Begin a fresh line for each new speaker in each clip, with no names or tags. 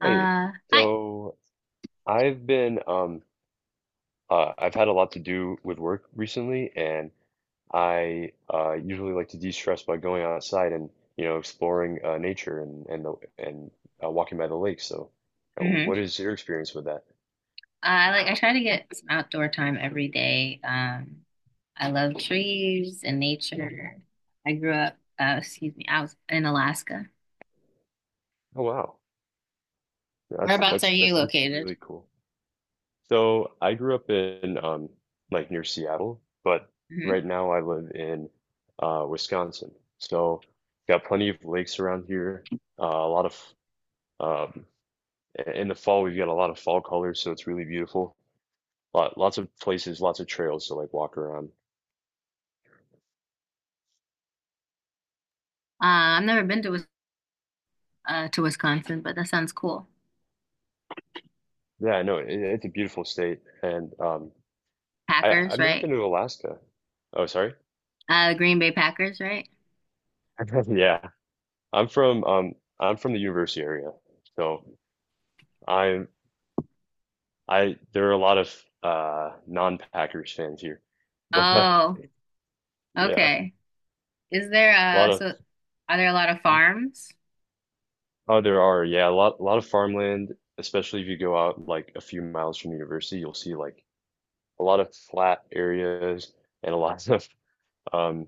Hey,
Hi.
so I've been I've had a lot to do with work recently, and I usually like to de-stress by going outside and exploring nature and walking by the lake. So,
hmm
what is your experience with that?
I try to get some outdoor time every day. I love trees and nature. I grew up, excuse me, I was in Alaska.
Oh wow. That's
Whereabouts are
that's that's
you
that's
located?
really cool. So, I grew up in like near Seattle, but
hmm
right now I live in Wisconsin. So, got plenty of lakes around here, a lot of. Um, in the fall, we've got a lot of fall colors, so it's really beautiful. Lots of places, lots of trails to like walk around.
I've never been to to Wisconsin, but that sounds cool.
Yeah, no, it's a beautiful state, and I
Packers,
've never
right?
been to Alaska. Oh, sorry.
The Green Bay Packers, right?
Yeah, I'm from um I'm from the university area, so I'm I there are a lot of non-Packers fans here, but
Oh,
yeah, a
okay. Is there
lot of.
are there a lot of farms?
Oh, there are, yeah, a lot, a lot of farmland, especially if you go out like a few miles from the university, you'll see like a lot of flat areas and a lot of um,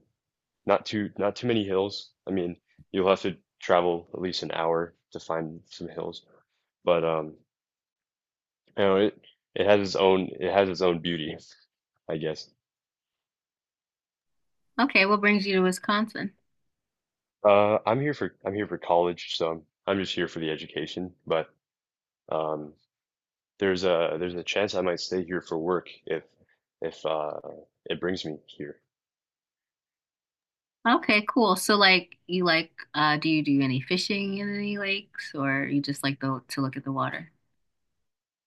not too many hills. I mean, you'll have to travel at least an hour to find some hills, but it it has its own beauty, I guess.
Okay, what brings you to Wisconsin?
I'm here for college, so I'm just here for the education. But um, there's a chance I might stay here for work if if uh, it brings me here.
Okay, cool. So like you like do you do any fishing in any lakes or you just like the to look at the water?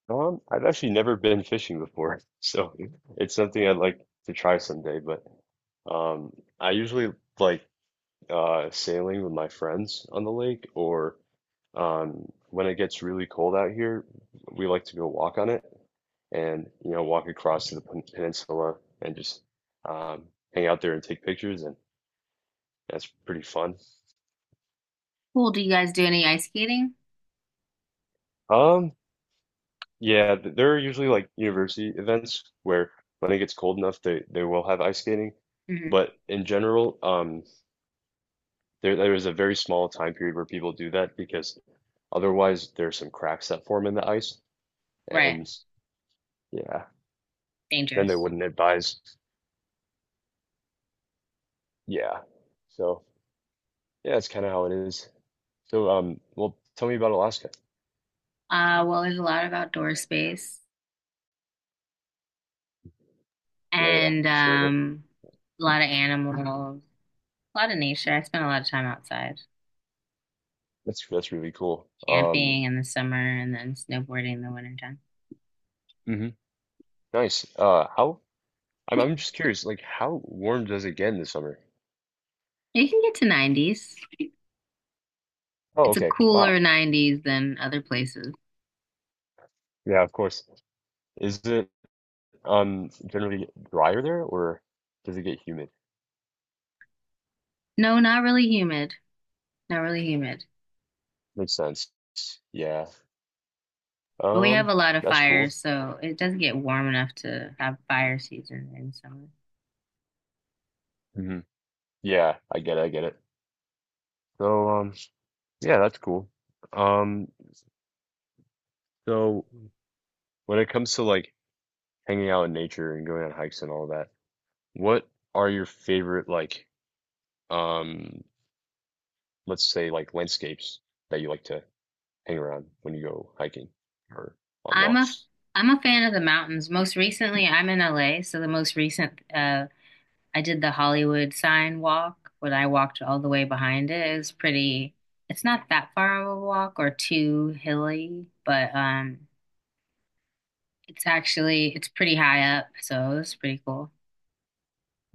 I've actually never been fishing before, so it's something I'd like to try someday. But um, I usually like sailing with my friends on the lake, or when it gets really cold out here, we like to go walk on it and walk across to the peninsula and just um, hang out there and take pictures, and that's pretty fun.
Cool. Do you guys do any ice skating?
Um, Yeah, there are usually like university events where when it gets cold enough, they will have ice skating.
hmm
But in general, there is a very small time period where people do that because otherwise there's some cracks that form in the ice,
Right.
and yeah, then they
Dangerous.
wouldn't advise. Yeah, so yeah, that's kind of how it is. So well, tell me about Alaska.
Well there's a lot of outdoor space
Yeah, yeah,
and
I'm sure of it.
a lot of animals, a lot of nature. I spend a lot of time outside
That's really cool.
camping in the summer and then snowboarding in the wintertime.
Hmm nice. How? I'm just curious. Like, how warm does it get in the summer?
You can get to 90s.
Oh,
It's a
okay.
cooler
Wow.
90s than other places.
Yeah, of course. Is it generally drier there, or does it get humid?
No, not really humid. Not really humid.
Makes sense. Yeah.
But we have
Um,
a lot of
that's cool.
fires, so it doesn't get warm enough to have fire season in summer.
Hmm. Yeah, I get it, I get it. So yeah, that's cool. Um so when it comes to like hanging out in nature and going on hikes and all that, what are your favorite like um let's say like landscapes that you like to hang around when you go hiking or on
I'm a
walks?
I'm a fan of the mountains. Most recently, I'm in LA, so the most recent I did the Hollywood sign walk, when I walked all the way behind it. It was pretty. It's not that far of a walk or too hilly, but it's actually it's pretty high up, so it's pretty cool.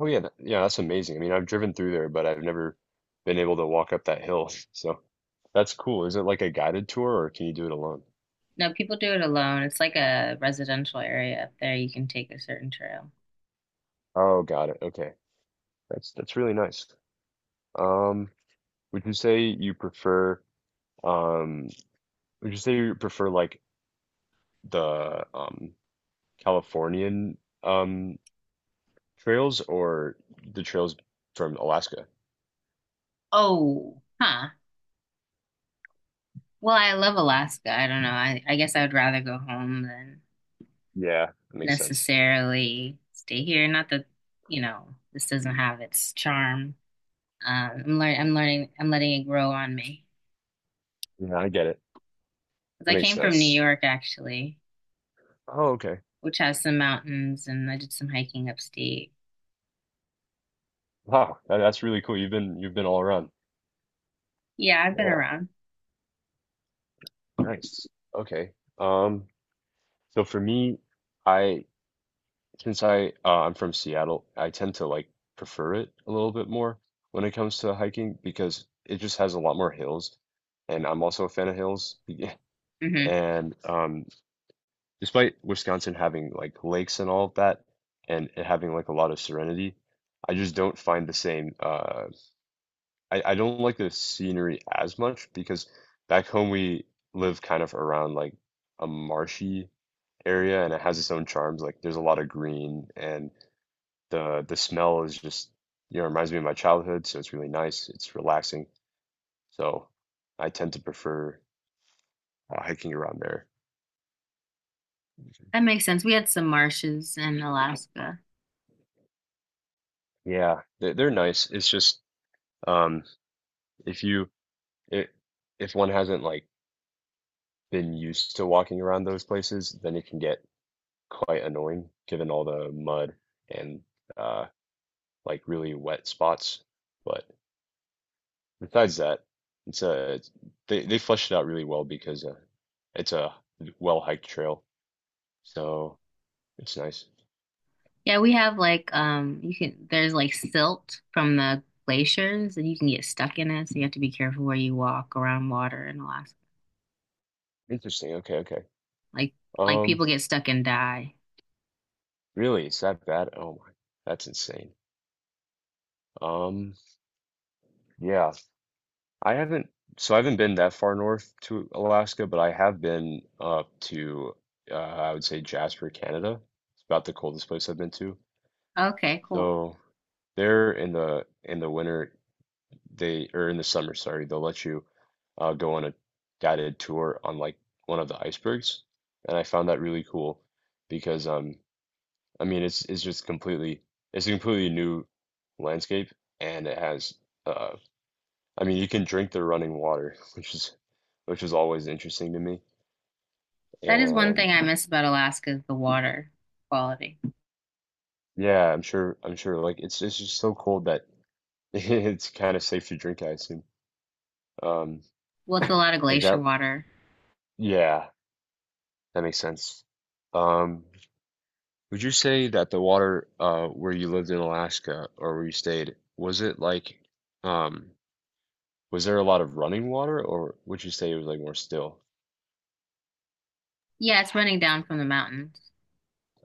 Oh yeah, yeah, that's amazing. I mean, I've driven through there, but I've never been able to walk up that hill. So that's cool. Is it like a guided tour, or can you do it alone?
No, people do it alone. It's like a residential area up there. You can take a certain trail.
Oh, got it. Okay. That's really nice. Um, would you say you prefer um would you say you prefer like the Californian um trails or the trails from Alaska?
Oh, huh. Well, I love Alaska. I don't know. I guess I would rather go home than
Yeah, that makes sense.
necessarily stay here. Not that, you know, this doesn't have its charm. I'm letting it grow on me.
Yeah, I get it.
'Cause
That
I
makes
came from New
sense.
York actually,
Oh, okay.
which has some mountains and I did some hiking upstate.
Wow, that's really cool. You've been all around.
Yeah, I've been
Yeah.
around.
Nice. Okay. Um, so for me, I since I I'm from Seattle, I tend to like prefer it a little bit more when it comes to hiking because it just has a lot more hills, and I'm also a fan of hills.
hmm
And despite Wisconsin having like lakes and all of that, and it having like a lot of serenity, I just don't find the same. I don't like the scenery as much because back home we live kind of around like a marshy area, and it has its own charms. Like there's a lot of green, and the smell is just, you know, reminds me of my childhood, so it's really nice. It's relaxing. So I tend to prefer hiking around there.
That makes sense. We had some marshes in Alaska.
Yeah, they're nice. It's just um if you it, if one hasn't like been used to walking around those places, then it can get quite annoying given all the mud and uh like really wet spots. But besides that, it's a they fleshed it out really well because it's a well hiked trail, so it's nice.
Yeah, we have like you can there's like silt from the glaciers and you can get stuck in it, so you have to be careful where you walk around water in Alaska.
Interesting. Okay, okay.
Like
Um,
people get stuck and die.
really, it's that bad? Oh my, that's insane. Um, yeah, I haven't. So I haven't been that far north to Alaska, but I have been up to I would say Jasper, Canada. It's about the coldest place I've been to.
Okay, cool.
So there in the winter they, or in the summer, sorry, they'll let you go on a guided tour on like one of the icebergs, and I found that really cool because I mean it's just completely it's a completely new landscape, and it has uh I mean you can drink the running water which is always interesting to me.
That is one
And
thing I miss about Alaska is the water quality.
yeah, I'm sure like it's just so cold that it's kind of safe to drink, I assume. Um
Well, it's a lot of
is
glacier
that
water.
yeah that makes sense. um Would you say that the water where you lived in Alaska or where you stayed, was it like um was there a lot of running water, or would you say it was like more still?
Yeah, it's running down from the mountains.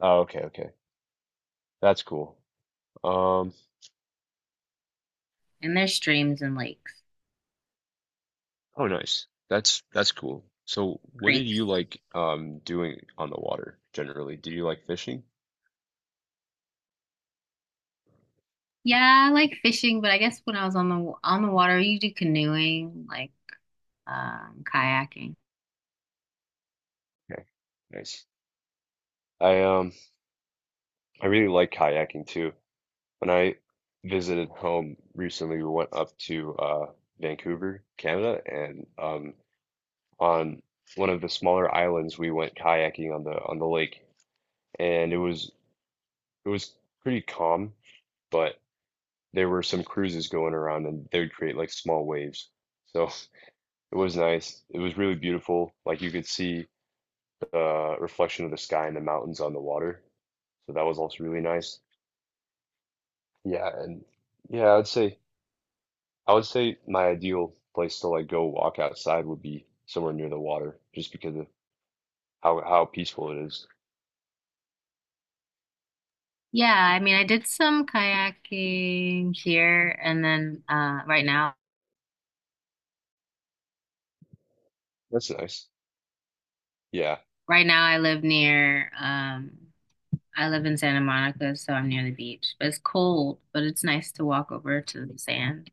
Oh, okay, okay. That's cool. Um
And there's streams and lakes,
oh nice. That's cool. So what did
creeks.
you like doing on the water generally? Do you like fishing?
Yeah, I like fishing, but I guess when I was on the water, you do canoeing, like kayaking.
Okay, nice. I um I really like kayaking too. When I visited home recently, we went up to Vancouver, Canada, and on one of the smaller islands. We went kayaking on the lake, and it was pretty calm, but there were some cruises going around, and they would create like small waves. So it was nice. It was really beautiful. Like you could see the reflection of the sky and the mountains on the water. So that was also really nice. Yeah, and yeah, I would say my ideal place to like go walk outside would be somewhere near the water, just because of how peaceful it is.
Yeah, I mean, I did some kayaking here and then right now.
That's nice. Yeah.
Right now I live near I live in Santa Monica, so I'm near the beach. But it's cold, but it's nice to walk over to the sand.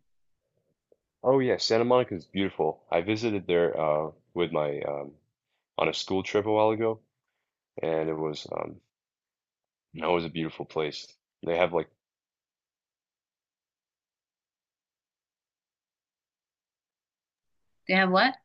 Oh yeah, Santa Monica is beautiful. I visited there with my on a school trip a while ago, and it was that was a beautiful place. They have like
They have what?